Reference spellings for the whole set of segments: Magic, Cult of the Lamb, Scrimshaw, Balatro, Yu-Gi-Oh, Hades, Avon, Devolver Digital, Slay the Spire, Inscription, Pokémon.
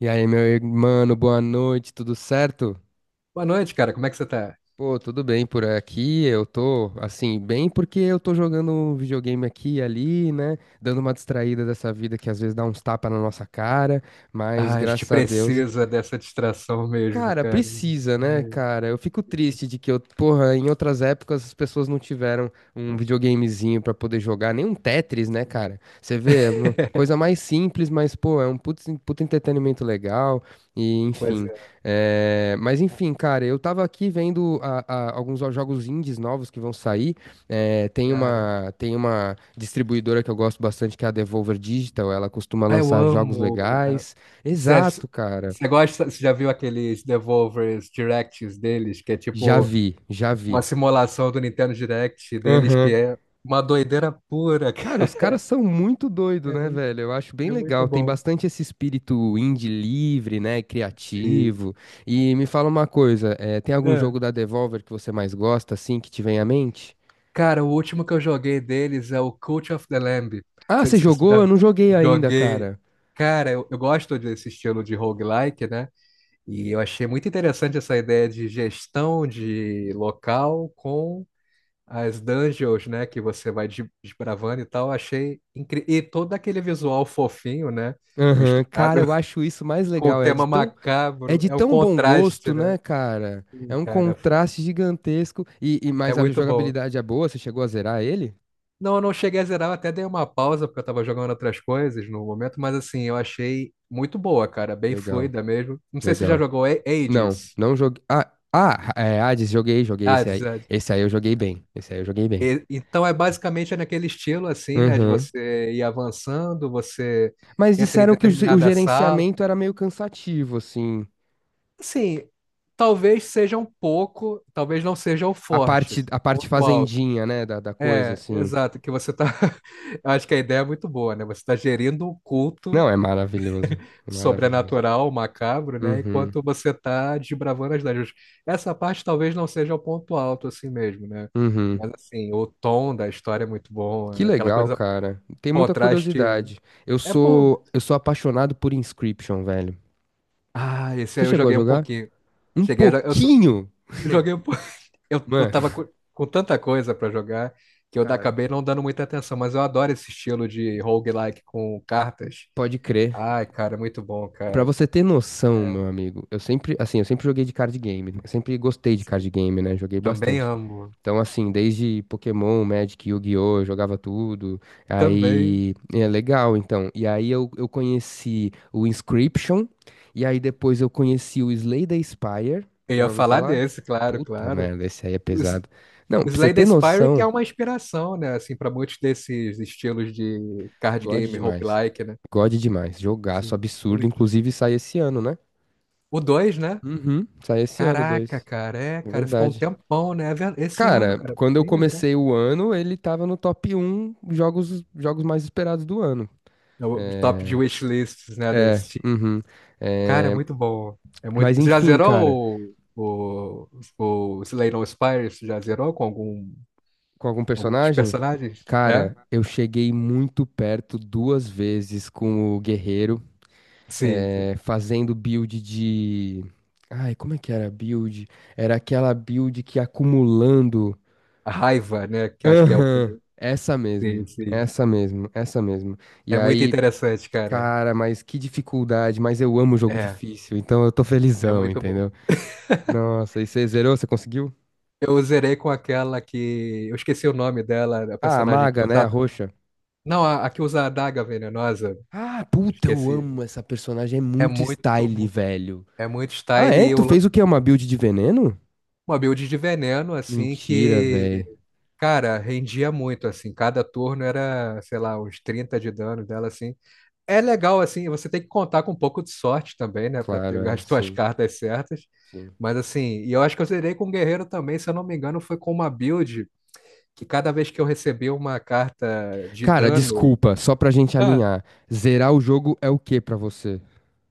E aí, meu irmão, boa noite, tudo certo? Boa noite, cara. Como é que você tá? Pô, tudo bem por aqui. Eu tô, assim, bem porque eu tô jogando um videogame aqui e ali, né? Dando uma distraída dessa vida que às vezes dá uns tapas na nossa cara, mas Ah, a gente graças a Deus. precisa dessa distração mesmo, Cara, cara. precisa, né, É. cara? Eu fico triste de que porra, em outras épocas as pessoas não tiveram um videogamezinho pra poder jogar, nem um Tetris, né, cara? Você vê, é uma coisa mais simples, mas, pô, é um puto, puto entretenimento legal, e Pois enfim. é, Mas enfim, cara, eu tava aqui vendo alguns jogos indies novos que vão sair. Cara. Tem uma distribuidora que eu gosto bastante, que é a Devolver Digital, ela costuma Ah, eu lançar jogos amo, né? legais. Você ach- Exato, cara. Você gosta, você já viu aqueles Devolvers Directs deles, que é Já tipo vi, já vi. uma simulação do Nintendo Direct deles, que Aham. é uma doideira pura, Cara, cara. os caras são muito doidos, É né, muito, velho? Eu acho bem é muito legal. Tem bom. bastante esse espírito indie livre, né? Sim. Criativo. E me fala uma coisa: tem algum É. jogo da Devolver que você mais gosta, assim, que te vem à mente? Cara, o último que eu joguei deles é o Cult of the Lamb. Ah, Se, você se você já jogou? Eu não joguei ainda, joguei. cara. Cara, eu gosto desse estilo de roguelike, né? E eu achei muito interessante essa ideia de gestão de local com as dungeons, né? Que você vai desbravando e tal. Achei incrível. E todo aquele visual fofinho, né? Aham. Misturado Cara, eu acho isso mais com o legal. Tema É macabro. de É um tão bom contraste, gosto, né? né, cara? É Sim, um cara. contraste gigantesco. E É mas a muito bom. jogabilidade é boa? Você chegou a zerar ele? Não, eu não cheguei a zerar, eu até dei uma pausa porque eu tava jogando outras coisas no momento, mas assim, eu achei muito boa, cara, bem Legal, fluida mesmo. Não sei se você já legal. jogou Não, Hades. não joguei. Hades, joguei, joguei esse Hades, aí. Hades. Esse aí eu joguei bem. Esse aí eu joguei bem. Então é basicamente é naquele estilo assim, né, de Uhum. você ir avançando, você Mas entra em disseram que o determinada sala. gerenciamento era meio cansativo, assim. Assim, talvez seja um pouco, talvez não seja o forte, A assim, parte ponto alto. fazendinha, né, da, da coisa, É, assim. exato, que você tá. Eu acho que a ideia é muito boa, né? Você tá gerindo um culto Não, é maravilhoso. É maravilhoso. sobrenatural, macabro, né? Uhum, Enquanto você tá desbravando as dungeons. Essa parte talvez não seja o ponto alto assim mesmo, né? uhum. Mas assim, o tom da história é muito bom, Que né? Aquela legal, coisa, cara. Tem muita contraste curiosidade. É bom. Eu sou apaixonado por Inscription, velho. Ah, esse Você aí eu chegou a joguei um jogar? pouquinho. Um Cheguei. a- jo- eu só, pouquinho? eu joguei um pouquinho. Eu tava Mano. Com tanta coisa pra jogar que eu Cara, acabei não dando muita atenção, mas eu adoro esse estilo de roguelike com cartas. pode crer. Ai, cara, muito bom, Pra cara. você ter noção, É, meu amigo, eu sempre, assim, eu sempre joguei de card game, né? Eu sempre gostei de card sim. game, né? Joguei Também bastante. amo. Então, assim, desde Pokémon, Magic, Yu-Gi-Oh, eu jogava tudo. Também. Aí, é legal, então. E aí eu conheci o Inscription, e aí depois eu conheci o Slay the Spire. Eu Já ia ouviu falar falar? desse, claro, Puta claro. merda, esse aí é O S- pesado. Não, o pra você Slay the ter Spire que é noção, uma inspiração, né, assim, para muitos desses estilos de card God game demais. roguelike, né? God demais. Jogaço Sim, absurdo, muito. inclusive sai esse ano, né? O 2, né? Uhum, sai esse ano, Caraca, dois. cara, é, É cara, ficou um verdade. tempão, né? Esse ano, Cara, cara, quando eu nem lembrar. comecei o ano, ele tava no top um jogos, jogos mais esperados do ano. É o top de wishlists, né, da É, Steam. uhum. Cara, é É, muito bom. É muito. mas Você já enfim, cara, zerou o Slay the Spire? Você já zerou com algum, com algum algum dos personagem? personagens? É? Cara, eu cheguei muito perto duas vezes com o Guerreiro, Sim, sim. Fazendo build de. Ai, como é que era a build? Era aquela build que ia acumulando. A raiva, né? Que acho que é o que Aham, ele. essa Sim, mesmo. sim. Essa mesmo, essa mesmo. E É muito aí. interessante, cara. Cara, mas que dificuldade, mas eu amo jogo É, difícil, então eu tô é felizão, muito bom. entendeu? Nossa, e você zerou? Você conseguiu? Eu zerei com aquela que. Eu esqueci o nome dela, a Ah, a personagem que maga, né? A usa. roxa. Não, a que usa a adaga venenosa. Ah, Eu puta, eu esqueci. amo essa personagem, é É muito style, muito. velho. É muito Ah, style é? e Tu fez o quê? Uma build de veneno? uma build de veneno, assim, Mentira, que, velho. cara, rendia muito, assim. Cada turno era, sei lá, uns 30 de dano dela, assim. É legal, assim, você tem que contar com um pouco de sorte também, né, para Claro, ter é, as tuas sim, cartas certas. sim. Mas assim, e eu acho que eu zerei com o Guerreiro também, se eu não me engano, foi com uma build que cada vez que eu recebi uma carta de Cara, dano, desculpa, só pra gente ah, alinhar. Zerar o jogo é o quê pra você?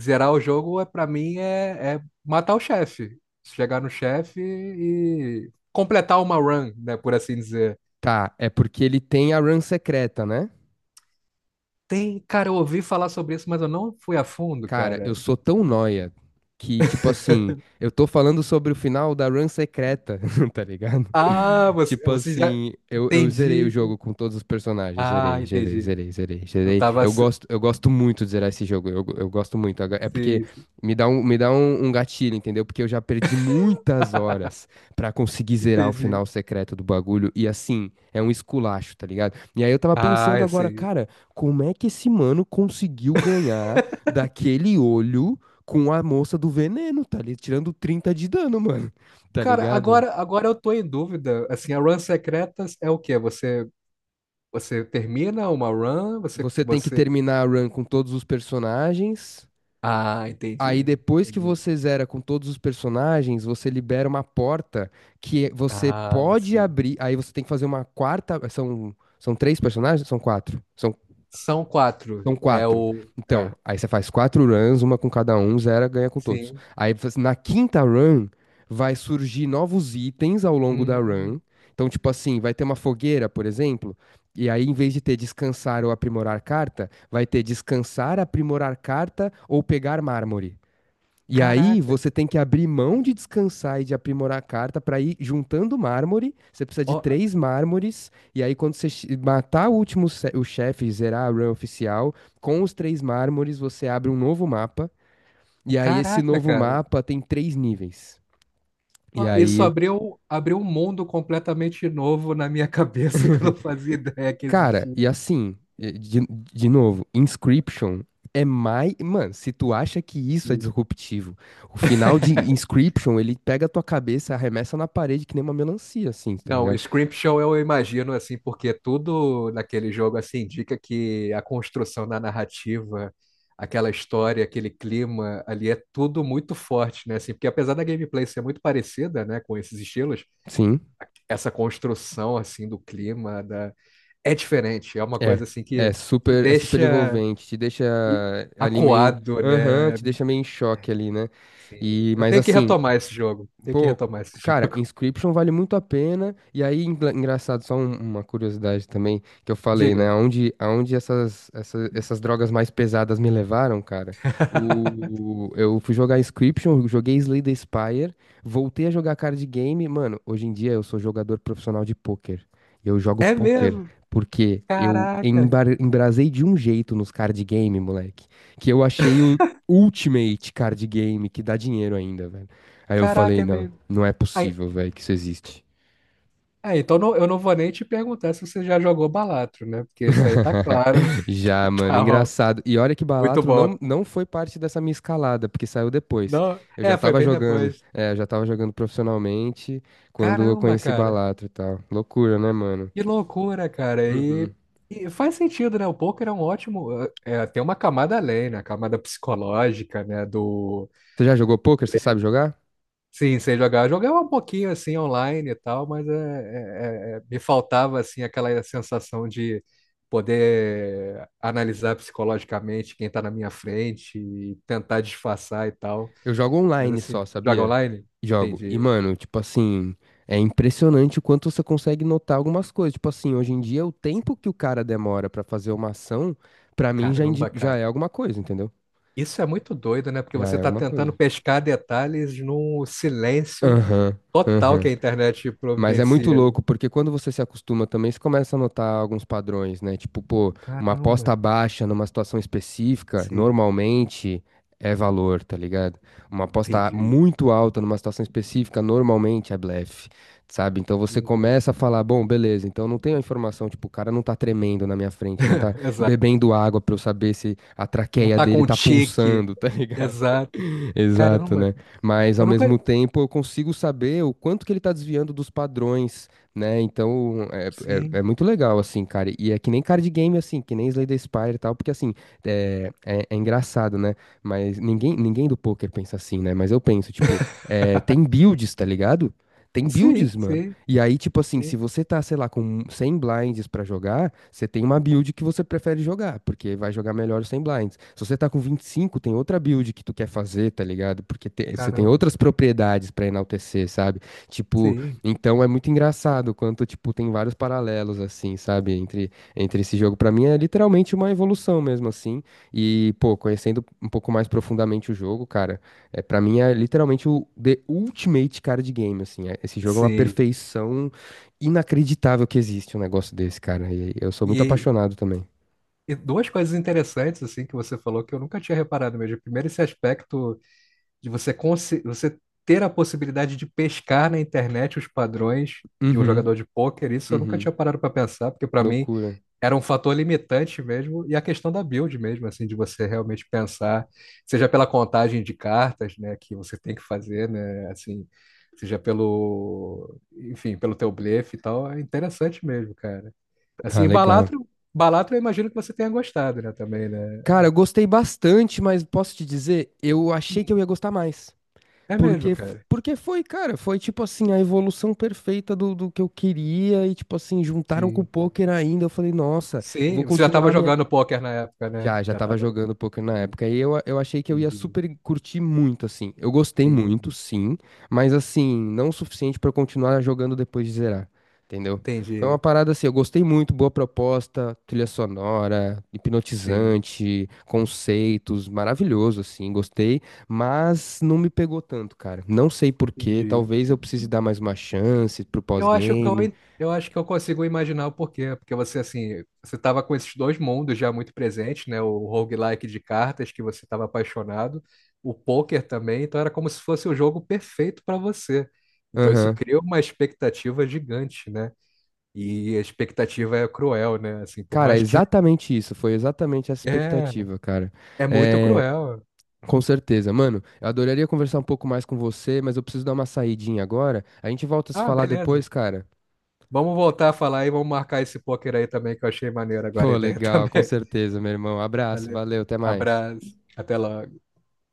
zerar o jogo é para mim é matar o chefe, chegar no chefe e completar uma run, né, por assim dizer. Tá, é porque ele tem a run secreta, né? Tem, cara, eu ouvi falar sobre isso, mas eu não fui a fundo, Cara, eu cara. sou tão nóia que, tipo assim, eu tô falando sobre o final da run secreta, tá ligado? Ah, você, Tipo você já assim, eu zerei o entendi. jogo com todos os personagens. Ah, Zerei, zerei, entendi. zerei, zerei, Eu zerei. tava, Eu gosto muito de zerar esse jogo. Eu gosto muito. É porque Sim, sim. Me dá um, um gatilho, entendeu? Porque eu já perdi muitas horas pra conseguir zerar o Entendi. final secreto do bagulho. E assim, é um esculacho, tá ligado? E aí eu tava Ah, pensando é agora, sim. cara, como é que esse mano conseguiu ganhar daquele olho com a moça do veneno, tá ali tirando 30 de dano, mano? Tá Cara, ligado? agora eu tô em dúvida. Assim, a run secretas é o quê? Você termina uma run? Você, Você tem que você... terminar a run com todos os personagens. Ah, Aí entendi. depois que Entendi. você zera com todos os personagens, você libera uma porta que você Ah, pode sim. abrir. Aí você tem que fazer uma quarta. São, são três personagens? São quatro. São quatro. São É quatro. o. Então, É. aí você faz quatro runs, uma com cada um, zera, ganha com todos. Sim. Aí você- na quinta run, vai surgir novos itens ao longo da Hum, run. Então, tipo assim, vai ter uma fogueira, por exemplo, e aí em vez de ter descansar ou aprimorar carta, vai ter descansar, aprimorar carta ou pegar mármore. E aí Caraca. você tem que abrir mão de descansar e de aprimorar a carta para ir juntando mármore. Você precisa de Ó, três mármores. E aí, quando você matar o último o chefe, zerar a run oficial, com os três mármores você abre um novo mapa. E aí, esse caraca, novo cara. mapa tem três níveis. E Ó, isso aí, abriu um mundo completamente novo na minha cabeça que eu não fazia ideia que cara, e existia. assim, de novo, Inscription é mais. Mano, se tu acha que isso é disruptivo. O final de Inscription, ele pega a tua cabeça, arremessa na parede que nem uma melancia, assim, tá Não, o ligado? Scrimshaw eu imagino assim, porque tudo naquele jogo assim indica que a construção da narrativa, aquela história, aquele clima ali é tudo muito forte, né? Assim, porque apesar da gameplay ser muito parecida, né, com esses estilos, Sim, essa construção assim do clima da. É diferente, é uma é. coisa assim que te É super deixa envolvente, te deixa i- ali meio, acuado, aham, né? te deixa meio em choque ali, né? Assim, E eu mas tenho que assim, retomar esse jogo, tenho que pô, retomar esse cara, jogo. Inscription vale muito a pena. E aí, engraçado, só uma curiosidade também que eu falei, né? Diga. Aonde, aonde essas, essas drogas mais pesadas me levaram, cara? Eu fui jogar Inscription, joguei Slay the Spire, voltei a jogar card game. Mano, hoje em dia eu sou jogador profissional de pôquer. Eu jogo É pôquer mesmo? porque eu Caraca, embrasei de um jeito nos card game, moleque, que eu achei o Ultimate Card Game que dá dinheiro ainda, velho. Aí eu caraca, falei, é não, mesmo. não é Ai, possível, velho, que isso existe. é, então, eu não vou nem te perguntar se você já jogou Balatro, né? Porque isso aí tá claro. Já, mano, Tá, ó, engraçado. E olha que muito Balatro não, bom. não foi parte dessa minha escalada, porque saiu depois. Não, é, foi bem depois. Eu já tava jogando profissionalmente quando eu Caramba, conheci cara. Balatro e tal. Loucura, né, mano? Que loucura, cara. E, Uhum. e faz sentido, né? O poker é um ótimo. É, tem uma camada além, né? A camada psicológica, né? Do. Você já jogou poker? Você sabe jogar? Sim, sei jogar. Eu jogava um pouquinho assim online e tal, mas me faltava assim aquela sensação de poder analisar psicologicamente quem está na minha frente e tentar disfarçar e tal. Eu jogo Mas online só, assim, joga sabia? online? Jogo. E, Entendi. mano, tipo assim, é impressionante o quanto você consegue notar algumas coisas. Tipo assim, hoje em dia, o tempo que o cara demora pra fazer uma ação, pra mim já, Caramba, já cara. é alguma coisa, entendeu? Isso é muito doido, né? Porque Já você é está alguma coisa. tentando pescar detalhes num silêncio Aham, total que aham. a internet Mas é muito providencia ali. louco, porque quando você se acostuma também, você começa a notar alguns padrões, né? Tipo, pô, uma Caramba. aposta baixa numa situação específica, Sim, normalmente é valor, tá ligado? Uma aposta entendi. muito alta numa situação específica, normalmente é blefe, sabe? Então você Uhum. começa a falar, bom, beleza, então eu não tenho a informação, tipo, o cara não tá tremendo na minha frente, ele não tá Exato. bebendo água pra eu saber se a Não traqueia tá dele com um tá tique. pulsando, tá ligado? Exato. Exato, Caramba, né? Mas ao eu mesmo nunca. tempo eu consigo saber o quanto que ele está desviando dos padrões, né? Então é Sim, muito legal, assim, cara. E é que nem card game, assim, que nem Slay the Spire e tal, porque, assim, é engraçado, né? Mas ninguém, ninguém do poker pensa assim, né? Mas eu penso, tipo, tem builds, tá ligado? Tem sim, builds, mano. sim, E aí, tipo assim, se sim. você tá, sei lá, com 100 blinds pra jogar, você tem uma build que você prefere jogar, porque vai jogar melhor os 100 blinds. Se você tá com 25, tem outra build que tu quer fazer, tá ligado? Porque você tem Caramba, outras propriedades pra enaltecer, sabe? Tipo, sim, então é muito engraçado quanto, tipo, tem vários paralelos, assim, sabe? Entre, entre esse jogo. Pra mim é literalmente uma evolução mesmo, assim. E, pô, conhecendo um pouco mais profundamente o jogo, cara, é, para mim é literalmente o The Ultimate Card Game, assim. Esse jogo é uma sim. perfeição inacreditável que existe um negócio desse, cara. E eu sou muito E, apaixonado também. e duas coisas interessantes assim que você falou que eu nunca tinha reparado mesmo. Primeiro, esse aspecto de você ter a possibilidade de pescar na internet os padrões de um Uhum, jogador de pôquer. Isso eu nunca uhum. tinha parado para pensar, porque para mim Loucura. era um fator limitante mesmo, e a questão da build mesmo, assim, de você realmente pensar, seja pela contagem de cartas, né, que você tem que fazer, né, assim, seja pelo, enfim, pelo teu blefe e tal, é interessante mesmo, cara. Assim, Ah, e legal. Balatro, Balatro eu imagino que você tenha gostado, né, também, né? Cara, eu gostei bastante, mas posso te dizer, eu achei que Hum. eu ia gostar mais. É Porque, mesmo, cara. porque foi, cara, foi tipo assim, a evolução perfeita do, do que eu queria e tipo assim, juntaram com o Sim. poker ainda. Eu falei, nossa, vou Sim, você já estava continuar minha. jogando pôquer na época, né? Já, já Já tava estava. jogando poker na Entendi, época. E eu achei que eu ia entendi, super curtir muito, assim. Eu gostei muito, entendi, sim, mas assim, não o suficiente pra eu continuar jogando depois de zerar. Entendeu? Foi uma entendi. parada assim, eu gostei muito, boa proposta, trilha sonora, Sim, hipnotizante, conceitos, maravilhoso, assim, gostei, mas não me pegou tanto, cara. Não sei por quê, entendi. talvez eu precise dar mais uma chance pro Eu acho que eu, pós-game. en- eu acho que eu consigo imaginar o porquê, porque você assim, você estava com esses dois mundos já muito presentes, né? O roguelike de cartas que você estava apaixonado, o poker também, então era como se fosse o jogo perfeito para você. Então isso Aham. cria uma expectativa gigante, né? E a expectativa é cruel, né? Assim, por Cara, é mais que exatamente isso, foi exatamente essa expectativa, cara. é, é muito É, cruel. com certeza, mano. Eu adoraria conversar um pouco mais com você, mas eu preciso dar uma saidinha agora. A gente volta a se Ah, falar beleza. depois, cara. Vamos voltar a falar e vamos marcar esse poker aí também que eu achei maneiro agora a Pô, ideia legal, com também. certeza, meu irmão. Abraço, Valeu. valeu, até mais. Abraço. Até logo.